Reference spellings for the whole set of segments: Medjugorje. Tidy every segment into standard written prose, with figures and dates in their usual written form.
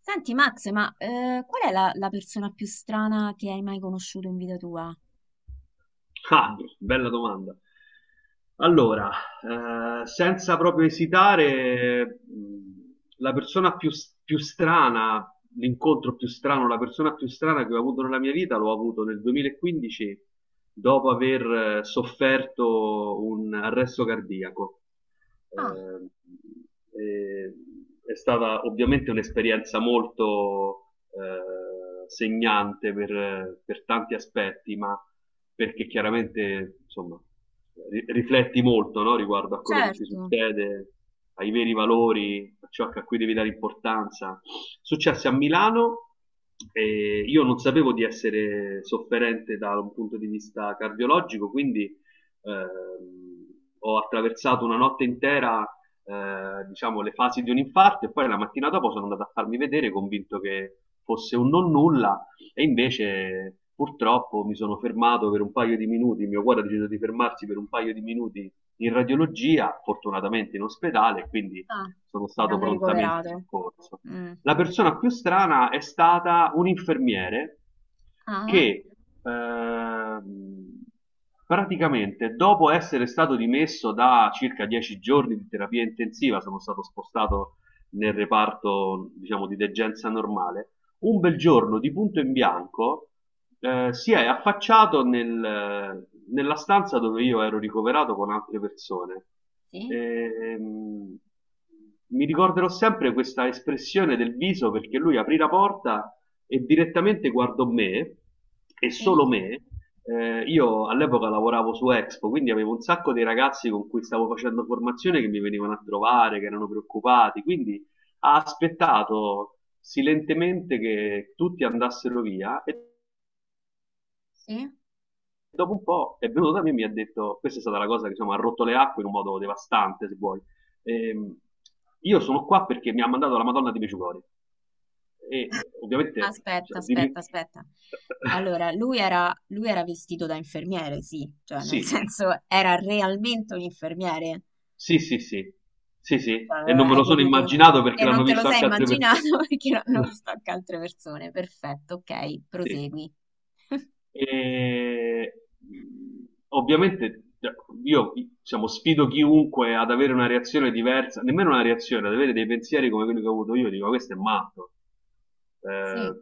Senti Max, ma qual è la persona più strana che hai mai conosciuto in vita tua? Ah, bella domanda. Allora, senza proprio esitare, la persona più, più strana, l'incontro più strano, la persona più strana che ho avuto nella mia vita l'ho avuto nel 2015 dopo aver sofferto un arresto cardiaco Ah, eh, e, è stata ovviamente un'esperienza molto segnante per tanti aspetti, ma perché chiaramente insomma, rifletti molto, no? Riguardo a quello che ti certo. succede, ai veri valori, a ciò a cui devi dare importanza. Successe a Milano, e io non sapevo di essere sofferente da un punto di vista cardiologico, quindi eh, ho attraversato una notte intera, diciamo, le fasi di un infarto, e poi la mattina dopo sono andato a farmi vedere convinto che fosse un non nulla, e invece purtroppo mi sono fermato per un paio di minuti, il mio cuore ha deciso di fermarsi per un paio di minuti in radiologia, fortunatamente in ospedale, quindi Ah, sono ti stato hanno prontamente ricoverato. soccorso. Mm, La ok. persona più strana è stata un infermiere Ah, che ehm, praticamente dopo essere stato dimesso da circa 10 giorni di terapia intensiva, sono stato spostato nel reparto, diciamo, di degenza normale. Un bel giorno, di punto in bianco, si è affacciato nella stanza dove io ero ricoverato con altre persone. sì, Ehm, Mi ricorderò sempre questa espressione del viso, perché lui aprì la porta e direttamente guardò me e sì, solo me. Io all'epoca lavoravo su Expo, quindi avevo un sacco di ragazzi con cui stavo facendo formazione che mi venivano a trovare, che erano preoccupati, quindi ha aspettato silentemente che tutti andassero via, e sì. dopo un po' è venuto da me e mi ha detto, questa è stata la cosa che insomma, ha rotto le acque in un modo devastante, se vuoi. Ehm, io sono qua perché mi ha mandato la Madonna di Medjugorje, e ovviamente Aspetta, cioè, aspetta, aspetta. Allora, lui era vestito da infermiere, sì, cioè nel sì, senso era realmente un infermiere. sì, sì, sì, sì, sì, e Cioè, non me hai lo sono potuto... immaginato E perché non l'hanno te lo visto sei anche altre immaginato persone. perché l'hanno visto anche altre persone. Perfetto, ok, Sì. prosegui. E ovviamente cioè, io diciamo, sfido chiunque ad avere una reazione diversa, nemmeno una reazione, ad avere dei pensieri come quelli che ho avuto io, dico questo è matto. Eh, Sì.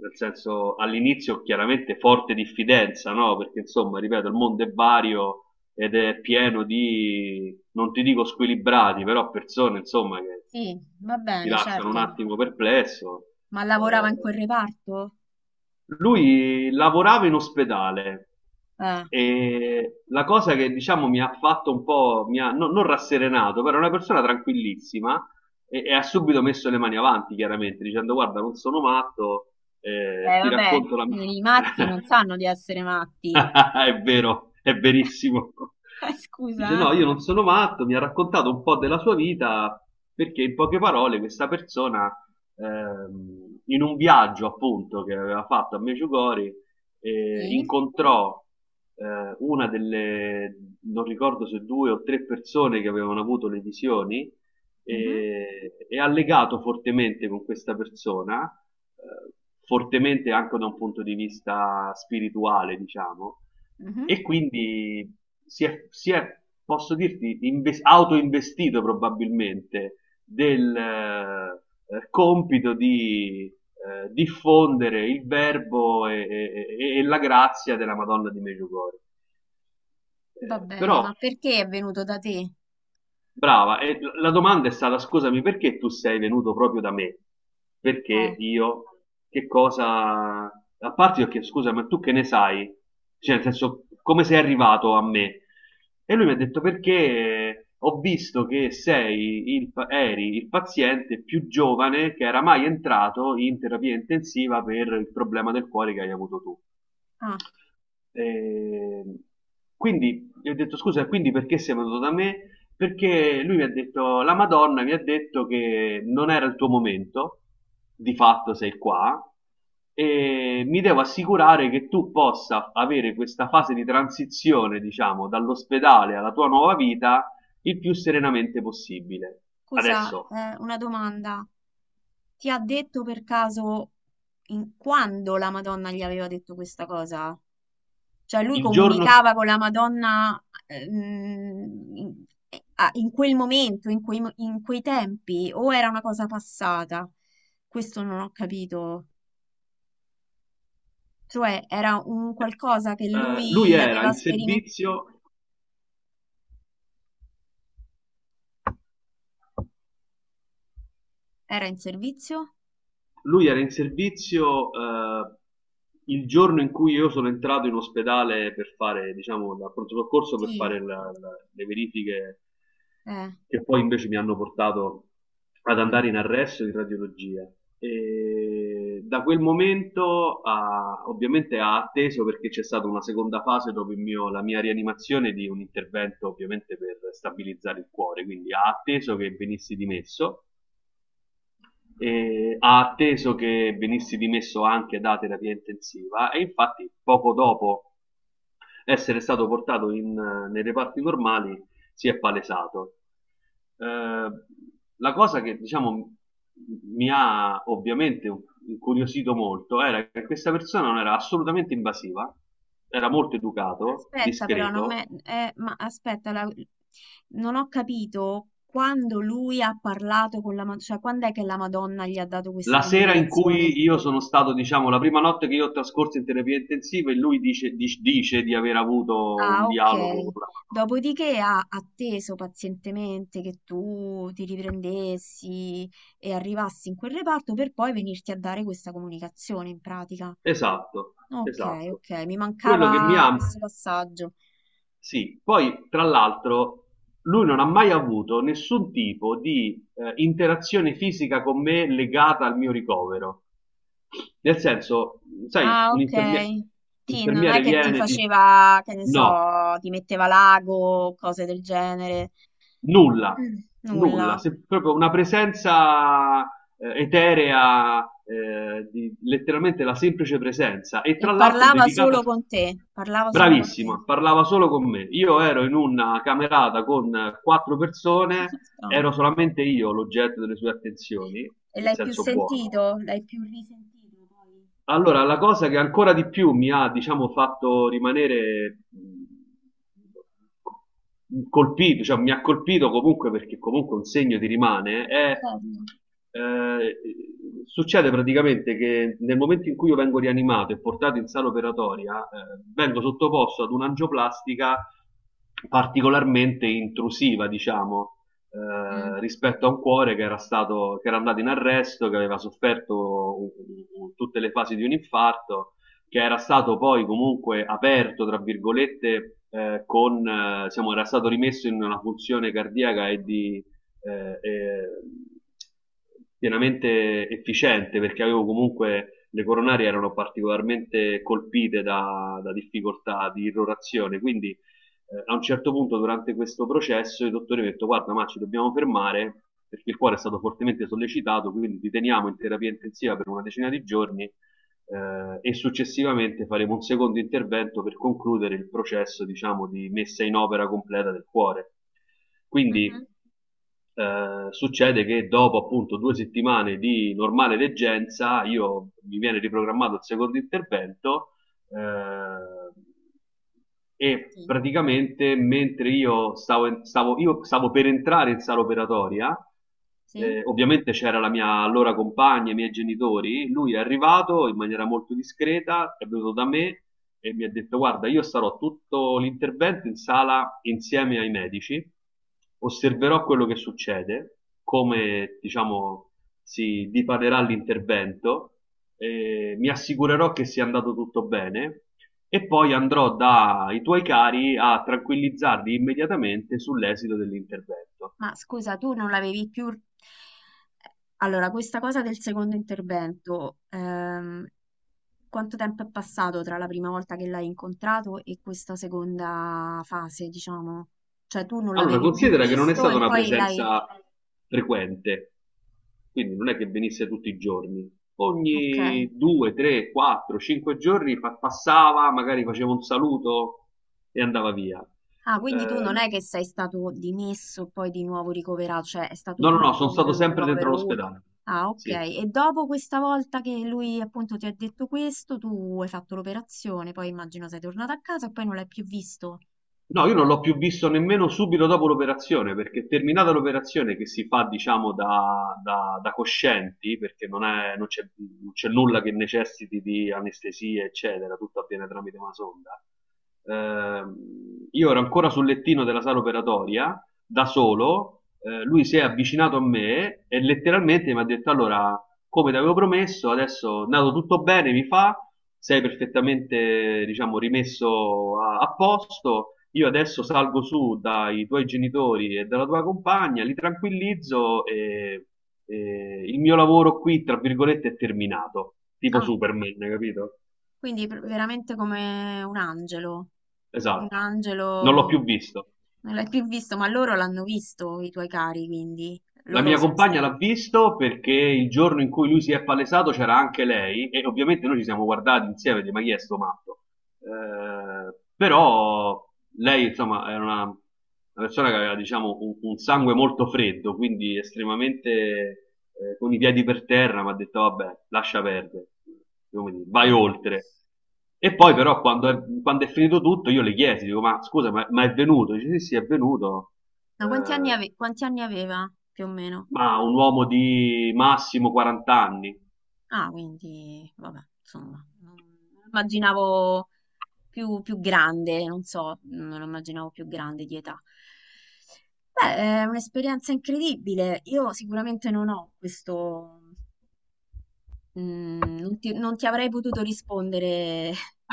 nel senso, all'inizio chiaramente forte diffidenza, no? Perché insomma, ripeto, il mondo è vario ed è pieno di, non ti dico squilibrati, però persone insomma che Sì, va ti bene, lasciano un certo. attimo perplesso. Ma lavorava in quel Eh, reparto? lui lavorava in ospedale, Eh, e la cosa che diciamo mi ha fatto un po', mi ha, non rasserenato, però è una persona tranquillissima, e ha subito messo le mani avanti, chiaramente, dicendo guarda, non sono matto, ti vabbè, racconto la mia... i matti non sanno di essere matti. È vero, è verissimo. Dice: scusa. No, io Eh. non sono matto. Mi ha raccontato un po' della sua vita perché, in poche parole, questa persona, in un viaggio appunto che aveva fatto a Medjugorje, Sì? incontrò una delle, non ricordo se due o tre persone che avevano avuto le visioni, Mhm, e, e ha legato fortemente con questa persona, eh, fortemente anche da un punto di vista spirituale, diciamo, mhm. e quindi si è, posso dirti, autoinvestito probabilmente del compito di diffondere il verbo e, e la grazia della Madonna di Medjugorje. Va bene, ma Però perché è venuto da te? Brava, e la domanda è stata, scusami, perché tu sei venuto proprio da me? Perché io, che cosa, a parte io che, scusa, ma tu che ne sai? Cioè, nel senso, come sei arrivato a me? E lui mi ha detto, perché ho visto che sei il, eri il paziente più giovane che era mai entrato in terapia intensiva per il problema del cuore che hai avuto tu. Ah, E quindi gli ho detto scusa, quindi perché sei venuto da me? Perché lui mi ha detto, la Madonna mi ha detto che non era il tuo momento, di fatto sei qua, e mi devo assicurare che tu possa avere questa fase di transizione, diciamo, dall'ospedale alla tua nuova vita il più serenamente possibile. scusa, Adesso, una domanda. Ti ha detto per caso quando la Madonna gli aveva detto questa cosa? Cioè lui il giorno, comunicava con la Madonna in in quel momento, in in quei tempi, o era una cosa passata? Questo non ho capito. Cioè era un qualcosa che lui lui era aveva in sperimentato. servizio. Era in servizio? Lui era in servizio, il giorno in cui io sono entrato in ospedale per fare, diciamo, da pronto soccorso per Sì. fare le verifiche, Eh, che poi invece mi hanno portato ad andare mm. in arresto in radiologia. E da quel momento ovviamente ha atteso, perché c'è stata una seconda fase dopo la mia rianimazione di un intervento ovviamente per stabilizzare il cuore, quindi ha atteso che venissi dimesso, ha atteso che venissi dimesso anche da terapia intensiva, e infatti poco dopo essere stato portato in, nei reparti normali si è palesato. Eh, la cosa che diciamo mi ha ovviamente incuriosito molto, era che questa persona non era assolutamente invasiva, era molto educato, Aspetta però, non me... discreto. Ma aspetta, non ho capito quando lui ha parlato con la Madonna, cioè quando è che la Madonna gli ha dato questa La sera in comunicazione? cui io sono stato, diciamo, la prima notte che io ho trascorso in terapia intensiva, e lui dice, dice di aver avuto un Ah, dialogo ok. con la... Dopodiché ha atteso pazientemente che tu ti riprendessi e arrivassi in quel reparto per poi venirti a dare questa comunicazione in pratica. Esatto, Ok, esatto. ok, mi Quello che mi mancava ha... questo passaggio. Sì, poi tra l'altro lui non ha mai avuto nessun tipo di interazione fisica con me legata al mio ricovero. Nel senso, sai, Ah, un ok. Ti, non è infermiere che ti viene, ti... faceva, che ne No, so, ti metteva l'ago, cose del genere. nulla, Mm, nulla, nulla. Proprio una presenza eterea, letteralmente la semplice presenza, e E tra l'altro parlava solo dedicata, con te, parlava solo con te. bravissima, parlava solo con me. Io ero in una camerata con quattro persone, No. ero solamente io l'oggetto delle sue attenzioni, E in l'hai più senso buono. sentito? L'hai più risentito poi? Allora, la cosa che ancora di più mi ha, diciamo, fatto rimanere colpito, cioè mi ha colpito comunque, perché comunque un segno ti rimane, è, Certo. Eh, succede praticamente che nel momento in cui io vengo rianimato e portato in sala operatoria, vengo sottoposto ad un'angioplastica particolarmente intrusiva, diciamo, Mm. Rispetto a un cuore che era, stato, che era andato in arresto, che aveva sofferto tutte le fasi di un infarto, che era stato poi comunque aperto, tra virgolette, con, diciamo, era stato rimesso in una funzione cardiaca e di, eh, eh, pienamente efficiente, perché avevo comunque le coronarie erano particolarmente colpite da, da difficoltà di irrorazione, quindi a un certo punto durante questo processo i dottori hanno detto guarda, ma ci dobbiamo fermare perché il cuore è stato fortemente sollecitato, quindi ti teniamo in terapia intensiva per una decina di giorni, e successivamente faremo un secondo intervento per concludere il processo, diciamo, di messa in opera completa del cuore. Mhm. Quindi succede che dopo appunto due settimane di normale leggenza io mi viene riprogrammato il secondo intervento, eh, e Sì. praticamente mentre io stavo, io stavo per entrare in sala operatoria, Sì? Ovviamente c'era la mia allora compagna, i miei genitori, lui è arrivato in maniera molto discreta, è venuto da me e mi ha detto guarda, io sarò tutto l'intervento in sala insieme ai medici, osserverò quello che succede, come diciamo si dipanerà l'intervento, mi assicurerò che sia andato tutto bene, e poi andrò dai tuoi cari a tranquillizzarli immediatamente sull'esito dell'intervento. Ma scusa, tu non l'avevi più... Allora, questa cosa del secondo intervento, quanto tempo è passato tra la prima volta che l'hai incontrato e questa seconda fase, diciamo? Cioè, tu non Allora, l'avevi più considera che non è visto stata e una poi l'hai... presenza frequente, quindi non è che venisse tutti i giorni. Ok. Ogni due, tre, quattro, cinque giorni passava, magari faceva un saluto e andava via. Ah, quindi tu Eh, non è che sei stato dimesso e poi di nuovo ricoverato, cioè è stato no, no, no, tutto sono un stato un sempre dentro ricovero unico. l'ospedale. Ah, ok. Sì. E dopo questa volta che lui appunto ti ha detto questo, tu hai fatto l'operazione, poi immagino sei tornato a casa e poi non l'hai più visto. No, io non l'ho più visto nemmeno subito dopo l'operazione, perché terminata l'operazione che si fa, diciamo, da, da coscienti, perché non c'è, non c'è nulla che necessiti di anestesia, eccetera, tutto avviene tramite una sonda. Ehm, io ero ancora sul lettino della sala operatoria, da solo, lui si è avvicinato a me e letteralmente mi ha detto, allora, come ti avevo promesso, adesso è andato tutto bene, mi fa sei perfettamente, diciamo, rimesso a, a posto. Io adesso salgo su dai tuoi genitori e dalla tua compagna, li tranquillizzo, e il mio lavoro qui, tra virgolette, è terminato, tipo Ah, Superman, capito? Veramente come un Esatto, non l'ho angelo, più visto. non l'hai più visto, ma loro l'hanno visto, i tuoi cari, quindi La loro mia sono compagna stati. l'ha visto perché il giorno in cui lui si è palesato c'era anche lei, e ovviamente noi ci siamo guardati insieme, di ma chi è sto matto? Però lei insomma era una persona che aveva diciamo un sangue molto freddo, quindi estremamente con i piedi per terra, mi ha detto vabbè, lascia perdere, come dire, vai Mm, oltre. E poi mm. però quando è finito tutto io le chiesi, dico ma scusa, ma è venuto? Dice sì sì è venuto. Ma quanti anni Eh, quanti anni aveva più o meno? ma un uomo di massimo 40 anni. Ah, quindi, vabbè, insomma, non non immaginavo più, più grande, non so, non lo immaginavo più grande di età. Beh, è un'esperienza incredibile. Io sicuramente non ho questo, mm, non ti avrei potuto rispondere.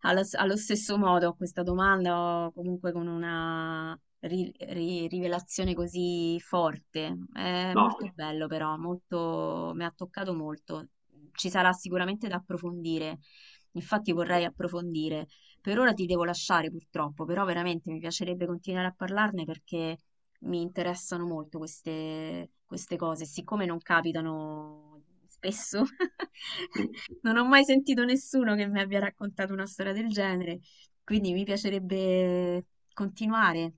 Allo stesso modo, a questa domanda, o comunque con una rivelazione così forte, è No. molto bello però, molto, mi ha toccato molto. Ci sarà sicuramente da approfondire, infatti vorrei approfondire. Per ora ti devo lasciare purtroppo, però veramente mi piacerebbe continuare a parlarne perché mi interessano molto queste, queste cose, siccome non capitano spesso. Non ho mai sentito nessuno che mi abbia raccontato una storia del genere, quindi mi piacerebbe continuare.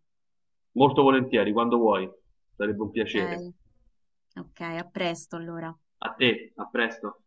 Molto volentieri, quando vuoi. Sarebbe un piacere. Ok, ok, a presto allora. A te, a presto.